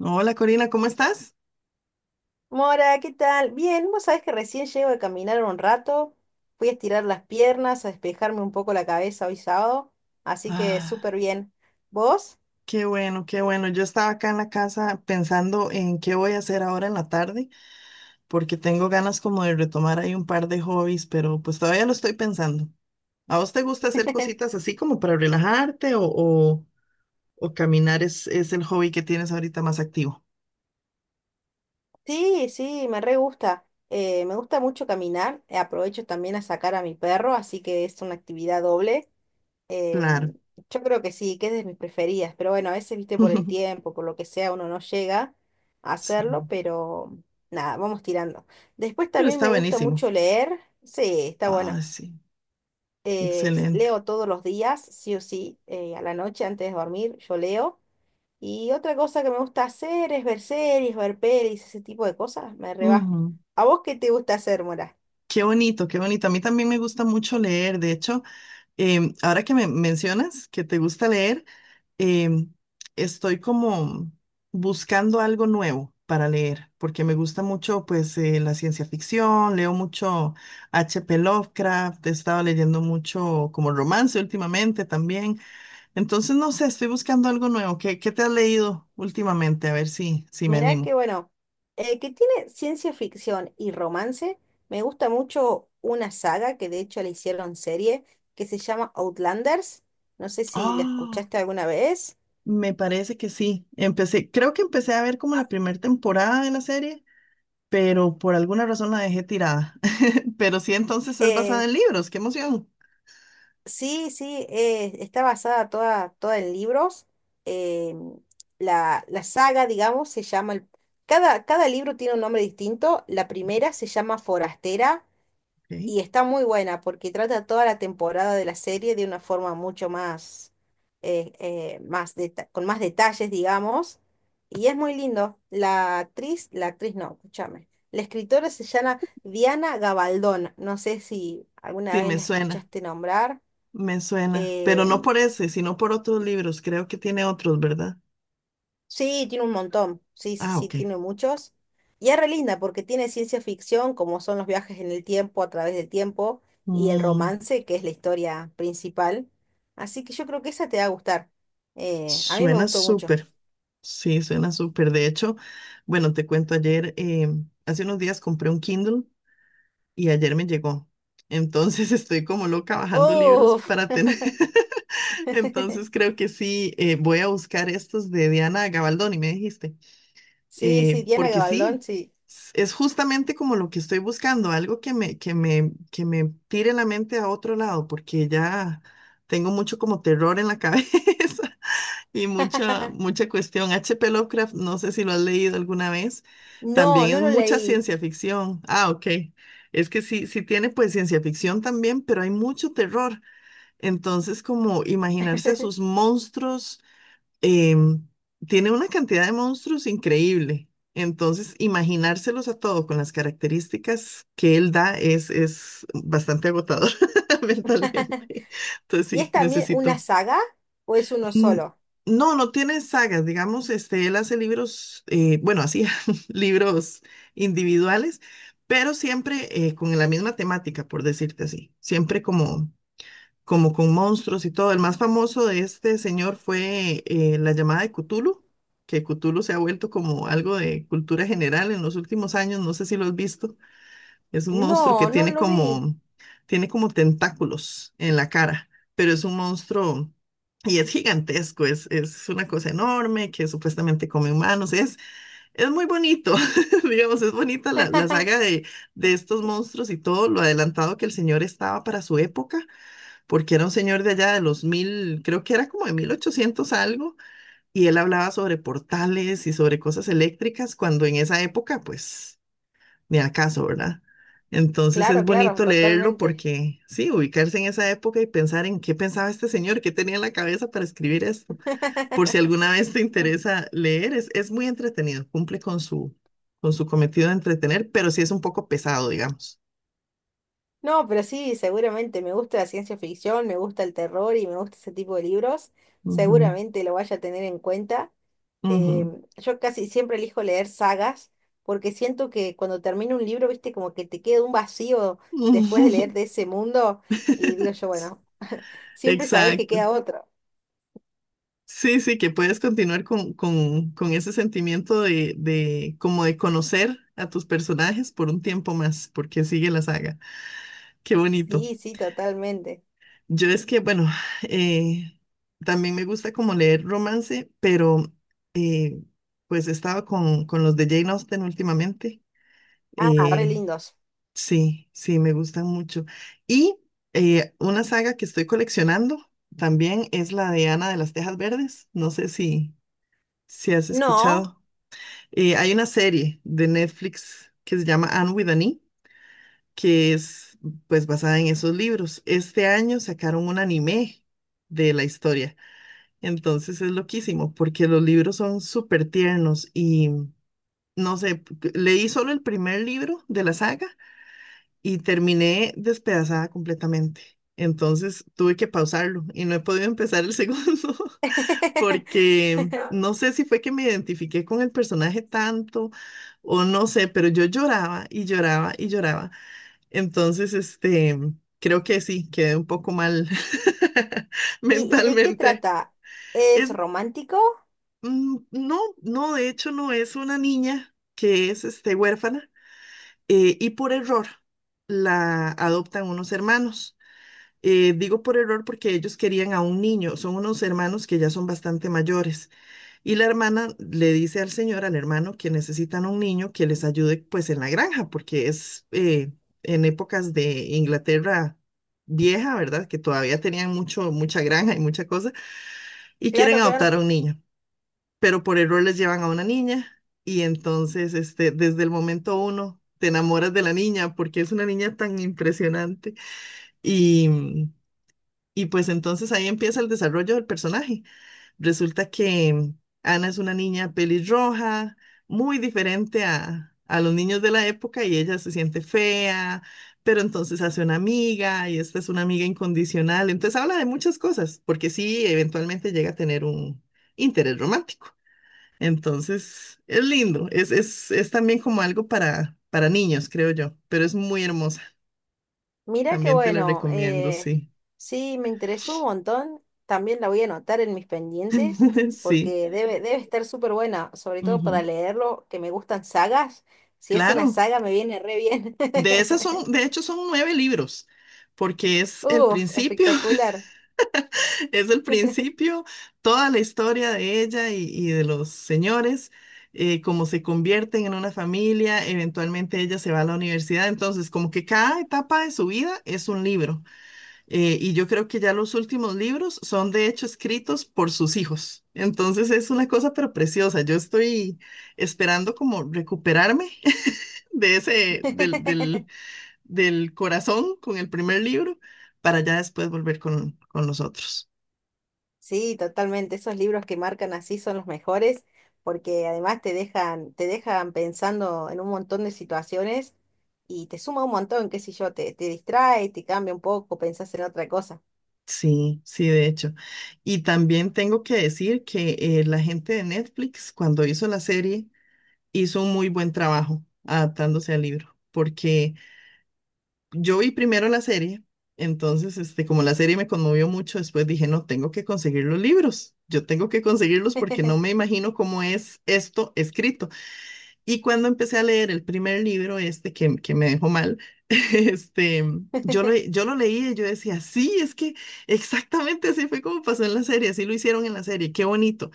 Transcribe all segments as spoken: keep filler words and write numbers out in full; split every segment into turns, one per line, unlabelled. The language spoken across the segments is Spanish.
Hola Corina, ¿cómo estás?
Mora, ¿qué tal? Bien, vos sabés que recién llego de caminar un rato, fui a estirar las piernas, a despejarme un poco la cabeza hoy sábado, así que
Ah,
súper bien. ¿Vos?
qué bueno, qué bueno. Yo estaba acá en la casa pensando en qué voy a hacer ahora en la tarde, porque tengo ganas como de retomar ahí un par de hobbies, pero pues todavía lo estoy pensando. ¿A vos te gusta hacer cositas así como para relajarte o, o, o caminar es, es el hobby que tienes ahorita más activo?
Sí, sí, me re gusta. Eh, me gusta mucho caminar, eh, aprovecho también a sacar a mi perro, así que es una actividad doble. Em,
Claro.
yo creo que sí, que es de mis preferidas, pero bueno, a veces, viste, por el tiempo, por lo que sea, uno no llega a
Sí,
hacerlo, pero nada, vamos tirando. Después
pero
también
está
me gusta
buenísimo.
mucho leer, sí, está bueno.
Ah, sí,
Eh, s-
excelente.
leo todos los días, sí o sí, eh, a la noche antes de dormir, yo leo. Y otra cosa que me gusta hacer es ver series, ver pelis, ese tipo de cosas, me reba.
Ujú.
¿A vos qué te gusta hacer, Mora?
Qué bonito, qué bonito. A mí también me gusta mucho leer. De hecho, Em, ahora que me mencionas que te gusta leer, em, estoy como buscando algo nuevo para leer, porque me gusta mucho pues eh, la ciencia ficción, leo mucho H. P. Lovecraft, he estado leyendo mucho como romance últimamente también. Entonces, no sé, estoy buscando algo nuevo. ¿Qué, qué te has leído últimamente? A ver si, si me
Mirá
animo.
que bueno, eh, que tiene ciencia ficción y romance, me gusta mucho una saga que de hecho la hicieron serie, que se llama Outlanders. No sé si la
Ah,
escuchaste alguna vez.
me parece que sí. Empecé, creo que empecé a ver como la primera temporada de la serie, pero por alguna razón la dejé tirada. Pero sí, entonces es basada
Eh,
en libros, qué emoción.
Sí, sí, eh, está basada toda, toda en libros. eh, la, la saga, digamos, se llama... el- cada, cada libro tiene un nombre distinto. La primera se llama Forastera
Ok.
y está muy buena porque trata toda la temporada de la serie de una forma mucho más, eh, eh, más deta- con más detalles, digamos. Y es muy lindo. La actriz, la actriz no, escúchame. La escritora se llama Diana Gabaldón. No sé si alguna
Sí,
vez
me
la
suena,
escuchaste nombrar.
me suena, pero
Eh,
no por ese, sino por otros libros, creo que tiene otros, ¿verdad?
sí, tiene un montón. Sí, sí,
Ah,
sí,
ok.
tiene muchos. Y es re linda porque tiene ciencia ficción, como son los viajes en el tiempo, a través del tiempo, y el
Mm,
romance, que es la historia principal. Así que yo creo que esa te va a gustar. Eh, a mí me
suena
gustó mucho.
súper, sí, suena súper. De hecho, bueno, te cuento ayer, eh, hace unos días compré un Kindle y ayer me llegó. Entonces estoy como loca bajando libros
¡Uf!
para tener. Entonces creo que sí, eh, voy a buscar estos de Diana Gabaldón y me dijiste.
Sí, sí,
eh,
Diana
porque
Gabaldón,
sí,
sí.
s- es justamente como lo que estoy buscando, algo que me, que me, que me tire la mente a otro lado, porque ya tengo mucho como terror en la cabeza y mucha, mucha cuestión. H. P. Lovecraft, no sé si lo has leído alguna vez,
No,
también
no
es
lo
mucha
leí.
ciencia ficción. Ah, ok. Es que sí, sí tiene pues ciencia ficción también, pero hay mucho terror. Entonces, como imaginarse a sus monstruos em, tiene una cantidad de monstruos increíble. Entonces, imaginárselos a todos con las características que él da es, es bastante agotador mentalmente. Entonces,
¿Y es
sí,
también una
necesito.
saga o es uno
Mm,
solo?
no, no tiene sagas, digamos, este, él hace libros, eh, bueno, hacía libros individuales, pero siempre eh, con la misma temática, por decirte así, siempre como como con monstruos y todo. El más famoso de este señor fue eh, la llamada de Cthulhu, que Cthulhu se ha vuelto como algo de cultura general en los últimos años, no sé si lo has visto. Es un monstruo que
No, no
tiene
lo vi.
como, tiene como tentáculos en la cara, pero es un monstruo y es gigantesco, es, es una cosa enorme que supuestamente come humanos. Es, es muy bonito, digamos, es bonita la, la saga de, de estos monstruos y todo lo adelantado que el señor estaba para su época porque era un señor de allá de los mil, creo que era como de mil ochocientos algo, y él hablaba sobre portales y sobre cosas eléctricas, cuando en esa época, pues, ni acaso, ¿verdad? Entonces es
Claro, claro,
bonito leerlo
totalmente.
porque, sí, ubicarse en esa época y pensar en qué pensaba este señor, qué tenía en la cabeza para escribir esto. Por si alguna vez te interesa leer, es, es muy entretenido, cumple con su, con su cometido de entretener, pero sí es un poco pesado, digamos.
No, pero sí, seguramente me gusta la ciencia ficción, me gusta el terror y me gusta ese tipo de libros.
Ujú,
Seguramente lo vaya a tener en cuenta.
ujú.
Em, yo casi siempre elijo leer sagas porque siento que cuando termino un libro, viste, como que te queda un vacío después de leer de ese mundo y digo yo, bueno, siempre sabes que
Exacto.
queda otro.
Sí, sí, que puedes continuar con, con, con ese sentimiento de, de como de conocer a tus personajes por un tiempo más, porque sigue la saga. Qué bonito.
Sí, sí, totalmente.
Yo es que, bueno, eh, también me gusta como leer romance, pero eh, pues he estado con, con los de Jane Austen últimamente.
Ah, re
Eh,
lindos.
sí, sí, me gustan mucho. Y eh, una saga que estoy coleccionando también es la de Ana de las Tejas Verdes. No sé si, si has
No.
escuchado. Eh, hay una serie de Netflix que se llama Anne with an E, que es pues basada en esos libros. Este año sacaron un anime de la historia. Entonces es loquísimo porque los libros son súper tiernos y no sé, p- leí solo el primer libro de la saga y terminé despedazada completamente. Entonces tuve que pausarlo y no he podido empezar el segundo porque no sé si fue que me identifiqué con el personaje tanto o no sé, pero yo lloraba y lloraba y lloraba. Entonces, este, creo que sí, quedé un poco mal
¿Y, y de qué
mentalmente.
trata? ¿Es
Es,
romántico?
mm, no, no, de hecho no, es una niña que es, este, huérfana eh, y por error la adoptan unos hermanos. Eh, digo por error porque ellos querían a un niño, son unos hermanos que ya son bastante mayores. Y la hermana le dice al señor, al hermano, que necesitan un niño que les ayude pues en la granja, porque es eh, en épocas de Inglaterra vieja, ¿verdad? Que todavía tenían mucho, mucha granja y mucha cosa, y quieren
Claro, claro.
adoptar a un niño, pero por error les llevan a una niña y entonces este, desde el momento uno te enamoras de la niña porque es una niña tan impresionante y, y pues entonces ahí empieza el desarrollo del personaje. Resulta que Ana es una niña pelirroja, muy diferente a, a los niños de la época y ella se siente fea, pero entonces hace una amiga y esta es una amiga incondicional. Entonces habla de muchas cosas, porque sí, eventualmente llega a tener un interés romántico. Entonces es lindo, es, es, es también como algo para, para niños, creo yo, pero es muy hermosa.
Mirá qué
También te la
bueno,
recomiendo,
eh,
sí.
sí, me interesó un montón, también la voy a anotar en mis pendientes
Sí,
porque debe, debe estar súper buena, sobre todo
ujú.
para leerlo, que me gustan sagas, si es una
Claro.
saga me viene re bien.
De esas son, de hecho, son nueve libros, porque es el
¡Uf,
principio,
espectacular!
es el principio, toda la historia de ella y, y de los señores, eh, cómo se convierten en una familia, eventualmente ella se va a la universidad, entonces como que cada etapa de su vida es un libro. eh, y yo creo que ya los últimos libros son de hecho escritos por sus hijos. Entonces es una cosa pero preciosa. Yo estoy esperando como recuperarme de ese, del, del del corazón con el primer libro para ya después volver con, con los otros.
Sí, totalmente, esos libros que marcan así son los mejores porque además te dejan, te dejan pensando en un montón de situaciones y te suma un montón, qué sé yo, te, te distrae, te cambia un poco, pensás en otra cosa.
Sí, sí, de hecho. Y también tengo que decir que eh, la gente de Netflix, cuando hizo la serie, hizo un muy buen trabajo adaptándose al libro, porque yo vi primero la serie, entonces, este, como la serie me conmovió mucho, después dije, no, tengo que conseguir los libros, yo tengo que conseguirlos porque no me imagino cómo es esto escrito. Y cuando empecé a leer el primer libro, este que, que me dejó mal, este, yo lo, yo lo leí y yo decía, sí, es que exactamente así fue como pasó en la serie, así lo hicieron en la serie, qué bonito.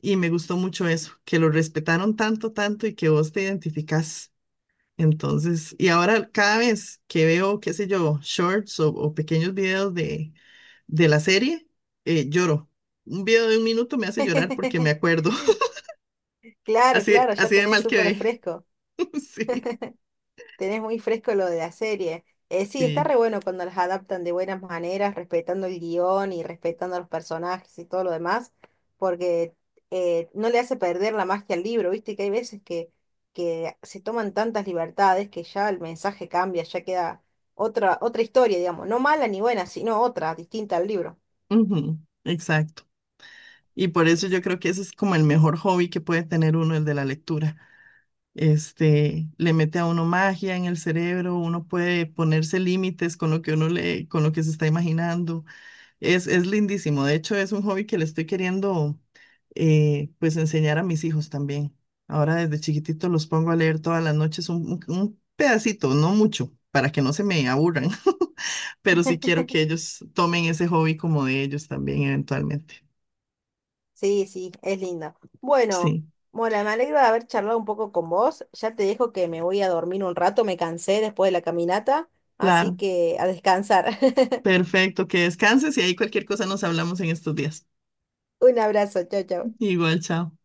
Y me gustó mucho eso, que lo respetaron tanto, tanto y que vos te identificás. Entonces, y ahora cada vez que veo, qué sé yo, shorts o, o pequeños videos de, de la serie, eh, lloro. Un video de un minuto me hace llorar porque me acuerdo,
Claro,
así,
claro, ya
así de
tenés
mal
súper
quedé.
fresco,
Sí.
tenés muy fresco lo de la serie. Eh, sí, está
Sí.
re bueno cuando las adaptan de buenas maneras, respetando el guión y respetando a los personajes y todo lo demás, porque eh, no le hace perder la magia al libro, viste que hay veces que, que se toman tantas libertades que ya el mensaje cambia, ya queda otra, otra historia, digamos, no mala ni buena, sino otra, distinta al libro.
Ujú, exacto. Y por
Sí,
eso yo
sí.
creo que ese es como el mejor hobby que puede tener uno, el de la lectura. Este, le mete a uno magia en el cerebro, uno puede ponerse límites con lo que uno lee, con lo que se está imaginando. Es, es lindísimo. De hecho, es un hobby que le estoy queriendo eh, pues enseñar a mis hijos también. Ahora desde chiquitito los pongo a leer todas las noches un, un un pedacito, no mucho, para que no se me aburran, pero sí quiero que ellos tomen ese hobby como de ellos también eventualmente.
Sí, sí, es linda. Bueno,
Sí,
Mora, me alegro de haber charlado un poco con vos. Ya te dejo que me voy a dormir un rato, me cansé después de la caminata, así
claro.
que a descansar.
Perfecto, que descanses y ahí cualquier cosa nos hablamos en estos días.
Un abrazo, chau, chau.
Igual, chao.